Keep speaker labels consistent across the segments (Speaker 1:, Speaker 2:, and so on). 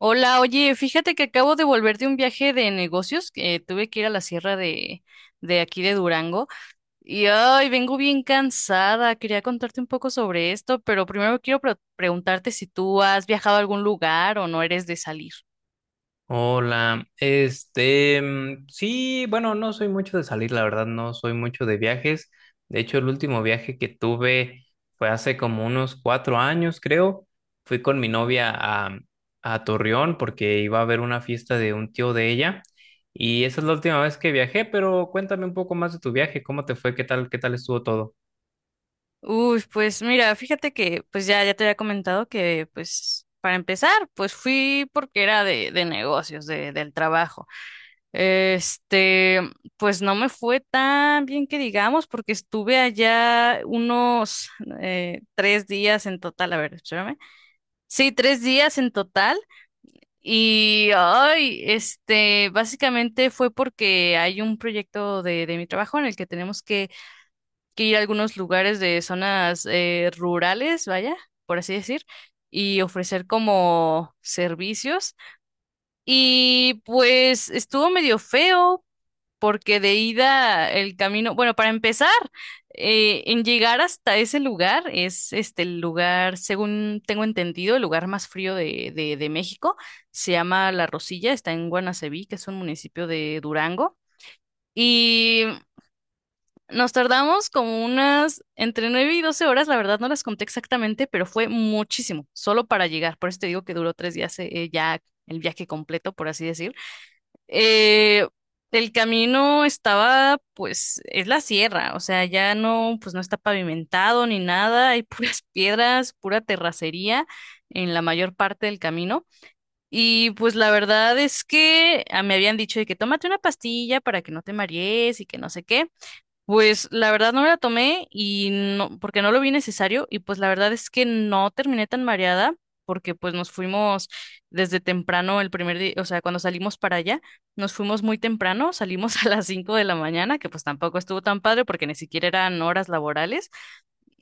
Speaker 1: Hola, oye, fíjate que acabo de volver de un viaje de negocios, que tuve que ir a la sierra de aquí de Durango y ay, vengo bien cansada. Quería contarte un poco sobre esto, pero primero quiero preguntarte si tú has viajado a algún lugar o no eres de salir.
Speaker 2: Hola, sí, bueno, no soy mucho de salir, la verdad, no soy mucho de viajes. De hecho, el último viaje que tuve fue hace como unos 4 años, creo. Fui con mi novia a Torreón porque iba a haber una fiesta de un tío de ella. Y esa es la última vez que viajé, pero cuéntame un poco más de tu viaje, ¿cómo te fue? Qué tal estuvo todo?
Speaker 1: Uy, pues mira, fíjate que pues ya te había comentado que pues para empezar, pues fui porque era de negocios, del trabajo. Este, pues no me fue tan bien que digamos, porque estuve allá unos 3 días en total, a ver, espérame. Sí, 3 días en total. Y, ay, este, básicamente fue porque hay un proyecto de mi trabajo en el que tenemos que ir a algunos lugares de zonas rurales, vaya, por así decir, y ofrecer como servicios. Y pues estuvo medio feo porque de ida el camino, bueno, para empezar, en llegar hasta ese lugar, es este el lugar, según tengo entendido, el lugar más frío de México, se llama La Rosilla, está en Guanaceví, que es un municipio de Durango. Y nos tardamos como unas entre 9 y 12 horas, la verdad no las conté exactamente, pero fue muchísimo, solo para llegar. Por eso te digo que duró 3 días ya el viaje completo, por así decir. Eh, el camino estaba, pues, es la sierra, o sea, ya no, pues no está pavimentado ni nada, hay puras piedras, pura terracería en la mayor parte del camino. Y pues la verdad es que me habían dicho de que tómate una pastilla para que no te marees y que no sé qué. Pues la verdad no me la tomé y no, porque no lo vi necesario y pues la verdad es que no terminé tan mareada porque pues nos fuimos desde temprano el primer día, o sea, cuando salimos para allá, nos fuimos muy temprano, salimos a las 5 de la mañana, que pues tampoco estuvo tan padre porque ni siquiera eran horas laborales,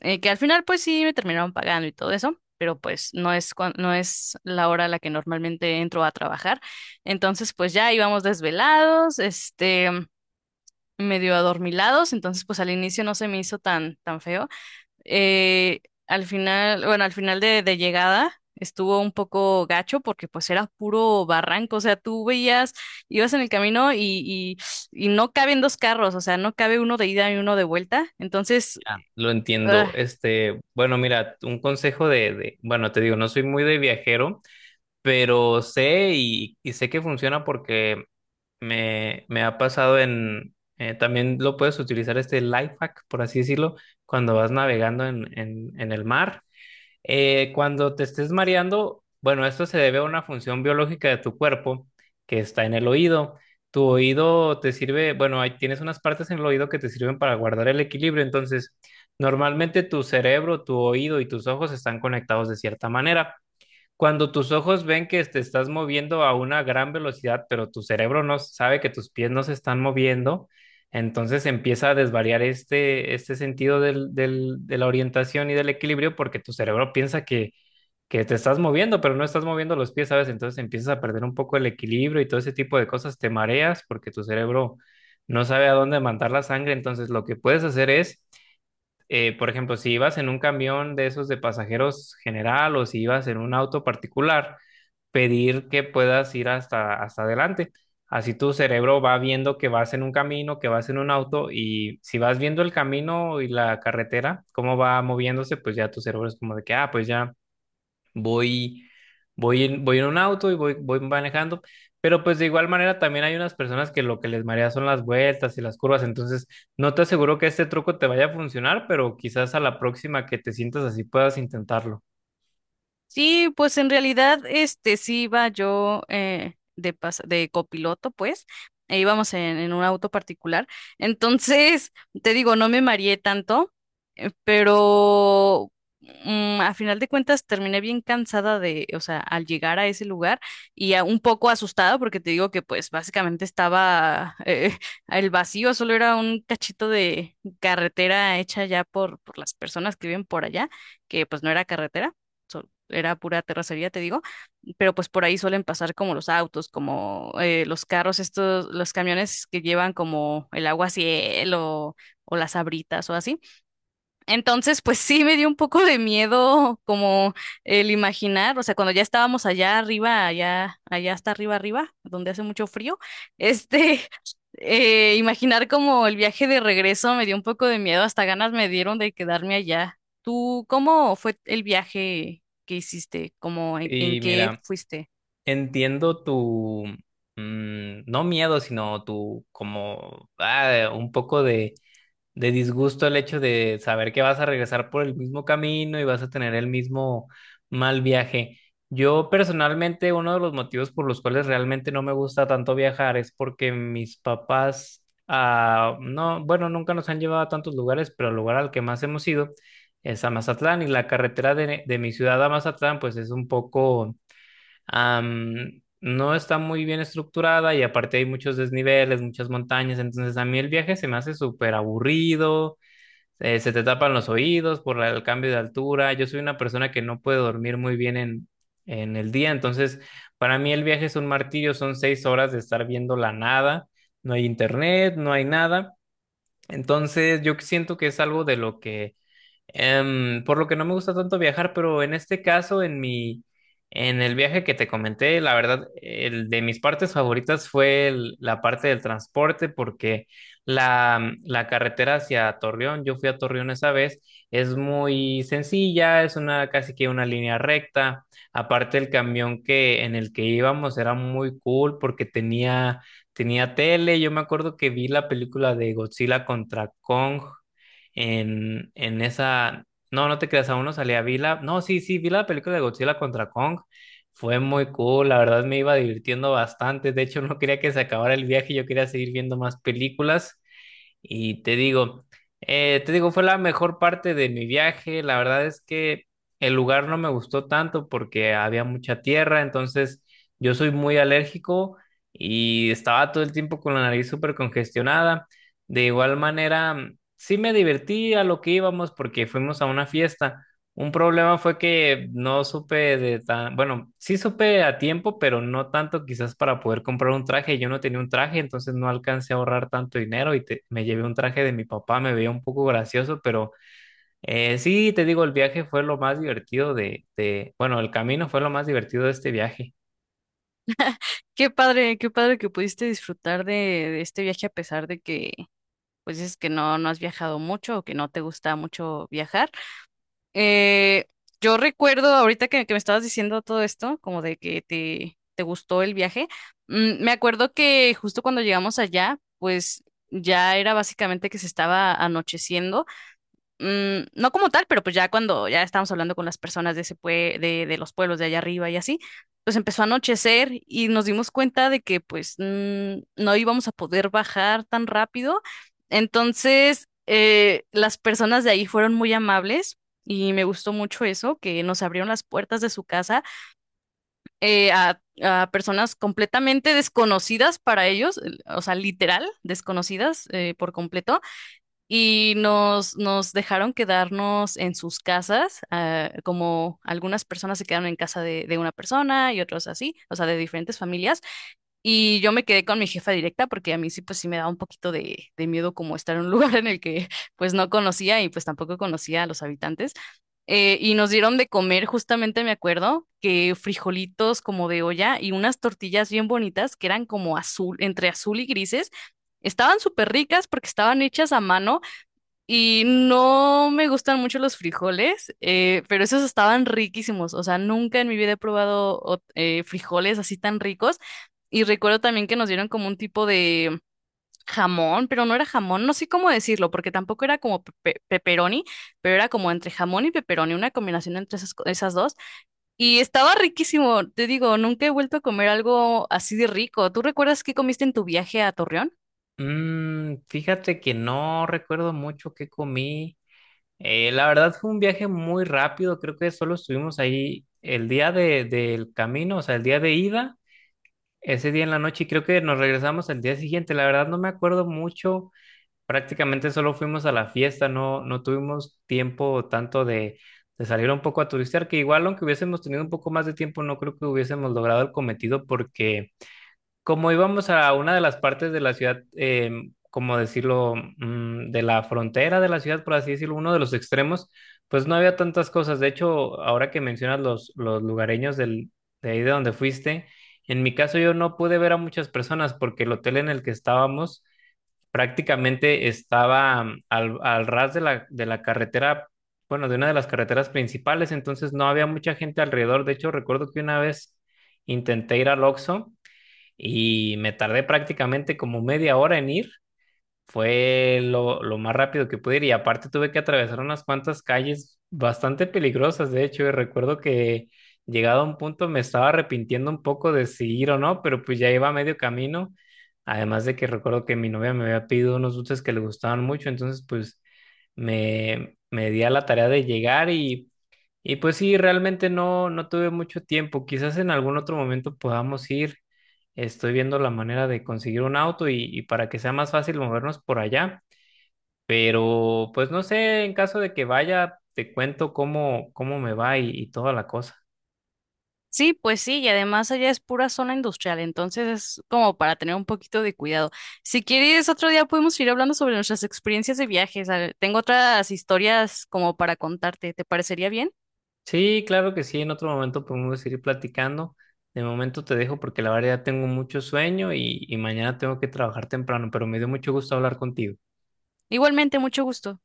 Speaker 1: que al final pues sí me terminaron pagando y todo eso, pero pues no es, no es la hora a la que normalmente entro a trabajar. Entonces pues ya íbamos desvelados, este medio adormilados, entonces pues al inicio no se me hizo tan, tan feo. Eh, Al final, bueno, al final de llegada estuvo un poco gacho porque pues era puro barranco, o sea, tú veías, ibas en el camino y, y no caben dos carros, o sea, no cabe uno de ida y uno de vuelta, entonces,
Speaker 2: Ya, lo
Speaker 1: ugh.
Speaker 2: entiendo. Este, bueno, mira, un consejo de, bueno, te digo, no soy muy de viajero, pero sé y sé que funciona porque me ha pasado también lo puedes utilizar este life hack, por así decirlo, cuando vas navegando en el mar. Cuando te estés mareando, bueno, esto se debe a una función biológica de tu cuerpo que está en el oído. Tu oído te sirve, bueno, ahí tienes unas partes en el oído que te sirven para guardar el equilibrio. Entonces, normalmente tu cerebro, tu oído y tus ojos están conectados de cierta manera. Cuando tus ojos ven que te estás moviendo a una gran velocidad, pero tu cerebro no sabe que tus pies no se están moviendo, entonces empieza a desvariar este, este sentido de la orientación y del equilibrio porque tu cerebro piensa que te estás moviendo, pero no estás moviendo los pies, ¿sabes? Entonces empiezas a perder un poco el equilibrio y todo ese tipo de cosas, te mareas porque tu cerebro no sabe a dónde mandar la sangre. Entonces lo que puedes hacer es, por ejemplo, si ibas en un camión de esos de pasajeros general o si ibas en un auto particular, pedir que puedas ir hasta adelante. Así tu cerebro va viendo que vas en un camino, que vas en un auto y si vas viendo el camino y la carretera, cómo va moviéndose, pues ya tu cerebro es como de que, ah, pues ya voy, voy en un auto y voy manejando, pero pues de igual manera también hay unas personas que lo que les marea son las vueltas y las curvas. Entonces no te aseguro que este truco te vaya a funcionar, pero quizás a la próxima que te sientas así puedas intentarlo.
Speaker 1: Sí, pues en realidad, este, sí iba yo de copiloto, pues, e íbamos en un auto particular. Entonces, te digo, no me mareé tanto, pero a final de cuentas terminé bien cansada de, o sea, al llegar a ese lugar y un poco asustada porque te digo que pues básicamente estaba el vacío, solo era un cachito de carretera hecha ya por las personas que viven por allá, que pues no era carretera, era pura terracería, te digo, pero pues por ahí suelen pasar como los autos, como los carros, estos, los camiones que llevan como el agua cielo o las abritas o así. Entonces, pues sí me dio un poco de miedo como el imaginar, o sea, cuando ya estábamos allá arriba, allá, allá hasta arriba, arriba, donde hace mucho frío, este, imaginar como el viaje de regreso me dio un poco de miedo, hasta ganas me dieron de quedarme allá. ¿Tú cómo fue el viaje que hiciste? ¿Cómo en
Speaker 2: Y
Speaker 1: qué
Speaker 2: mira,
Speaker 1: fuiste?
Speaker 2: entiendo no miedo, sino tu como un poco de disgusto el hecho de saber que vas a regresar por el mismo camino y vas a tener el mismo mal viaje. Yo personalmente, uno de los motivos por los cuales realmente no me gusta tanto viajar es porque mis papás, no, bueno, nunca nos han llevado a tantos lugares, pero el lugar al que más hemos ido es a Mazatlán, y la carretera de mi ciudad a Mazatlán pues es un poco, no está muy bien estructurada, y aparte hay muchos desniveles, muchas montañas. Entonces a mí el viaje se me hace súper aburrido, se te tapan los oídos por el cambio de altura. Yo soy una persona que no puede dormir muy bien en el día, entonces para mí el viaje es un martirio, son 6 horas de estar viendo la nada, no hay internet, no hay nada. Entonces yo siento que es algo de lo que, por lo que no me gusta tanto viajar. Pero en este caso, en el viaje que te comenté, la verdad, el de mis partes favoritas, fue el- la parte del transporte, porque la carretera hacia Torreón, yo fui a Torreón esa vez, es muy sencilla, es una, casi que una línea recta. Aparte, el camión que en el que íbamos era muy cool porque tenía, tenía tele. Yo me acuerdo que vi la película de Godzilla contra Kong en esa, no, no te creas, aún no salía. Vi la, no, sí, sí, vi la película de Godzilla contra Kong. Fue muy cool, la verdad me iba divirtiendo bastante. De hecho, no quería que se acabara el viaje, yo quería seguir viendo más películas. Y te digo, fue la mejor parte de mi viaje. La verdad es que el lugar no me gustó tanto porque había mucha tierra, entonces yo soy muy alérgico y estaba todo el tiempo con la nariz súper congestionada. De igual manera, sí me divertí a lo que íbamos, porque fuimos a una fiesta. Un problema fue que no supe bueno, sí supe a tiempo, pero no tanto quizás para poder comprar un traje. Yo no tenía un traje, entonces no alcancé a ahorrar tanto dinero y me llevé un traje de mi papá. Me veía un poco gracioso, pero sí, te digo, el viaje fue lo más divertido de, bueno, el camino fue lo más divertido de este viaje.
Speaker 1: Qué padre que pudiste disfrutar de este viaje a pesar de que, pues es que no has viajado mucho o que no te gusta mucho viajar. Eh, yo recuerdo ahorita que me estabas diciendo todo esto, como de que te gustó el viaje. Me acuerdo que justo cuando llegamos allá, pues ya era básicamente que se estaba anocheciendo, no como tal, pero pues ya cuando ya estábamos hablando con las personas de ese de los pueblos de allá arriba y así, pues empezó a anochecer y nos dimos cuenta de que pues no íbamos a poder bajar tan rápido. Entonces, las personas de ahí fueron muy amables y me gustó mucho eso, que nos abrieron las puertas de su casa a personas completamente desconocidas para ellos, el- o sea, literal, desconocidas por completo y nos dejaron quedarnos en sus casas, ah, como algunas personas se quedaron en casa de una persona y otros así, o sea, de diferentes familias. Y yo me quedé con mi jefa directa porque a mí sí, pues sí me daba un poquito de miedo como estar en un lugar en el que pues no conocía y pues tampoco conocía a los habitantes. Y nos dieron de comer, justamente me acuerdo, que frijolitos como de olla y unas tortillas bien bonitas que eran como azul, entre azul y grises. Estaban súper ricas porque estaban hechas a mano y no me gustan mucho los frijoles, pero esos estaban riquísimos. O sea, nunca en mi vida he probado frijoles así tan ricos. Y recuerdo también que nos dieron como un tipo de jamón, pero no era jamón, no sé cómo decirlo, porque tampoco era como pepperoni, pero era como entre jamón y pepperoni, una combinación entre esas, esas dos. Y estaba riquísimo, te digo, nunca he vuelto a comer algo así de rico. ¿Tú recuerdas qué comiste en tu viaje a Torreón?
Speaker 2: Mm, fíjate que no recuerdo mucho qué comí. La verdad fue un viaje muy rápido, creo que solo estuvimos ahí el día del camino, o sea, el día de ida, ese día en la noche, y creo que nos regresamos al día siguiente. La verdad no me acuerdo mucho. Prácticamente solo fuimos a la fiesta, no, no tuvimos tiempo tanto de salir un poco a turistear, que igual aunque hubiésemos tenido un poco más de tiempo, no creo que hubiésemos logrado el cometido, porque como íbamos a una de las partes de la ciudad, como decirlo, de la frontera de la ciudad, por así decirlo, uno de los extremos, pues no había tantas cosas. De hecho, ahora que mencionas los lugareños de ahí de donde fuiste, en mi caso yo no pude ver a muchas personas porque el hotel en el que estábamos prácticamente estaba, al ras de la carretera, bueno, de una de las carreteras principales. Entonces no había mucha gente alrededor. De hecho, recuerdo que una vez intenté ir al Oxxo y me tardé prácticamente como media hora en ir. Fue lo más rápido que pude ir, y aparte tuve que atravesar unas cuantas calles bastante peligrosas, de hecho, y recuerdo que llegado a un punto me estaba arrepintiendo un poco de si ir o no, pero pues ya iba a medio camino. Además de que recuerdo que mi novia me había pedido unos dulces que le gustaban mucho, entonces pues me di a la tarea de llegar, y pues sí, realmente no tuve mucho tiempo. Quizás en algún otro momento podamos ir. Estoy viendo la manera de conseguir un auto, y para que sea más fácil movernos por allá. Pero pues no sé, en caso de que vaya, te cuento cómo me va, y toda la cosa.
Speaker 1: Sí, pues sí, y además allá es pura zona industrial, entonces es como para tener un poquito de cuidado. Si quieres, otro día podemos ir hablando sobre nuestras experiencias de viajes. A ver, tengo otras historias como para contarte, ¿te parecería bien?
Speaker 2: Sí, claro que sí, en otro momento podemos seguir platicando. De momento te dejo porque la verdad ya tengo mucho sueño, y mañana tengo que trabajar temprano. Pero me dio mucho gusto hablar contigo.
Speaker 1: Igualmente, mucho gusto.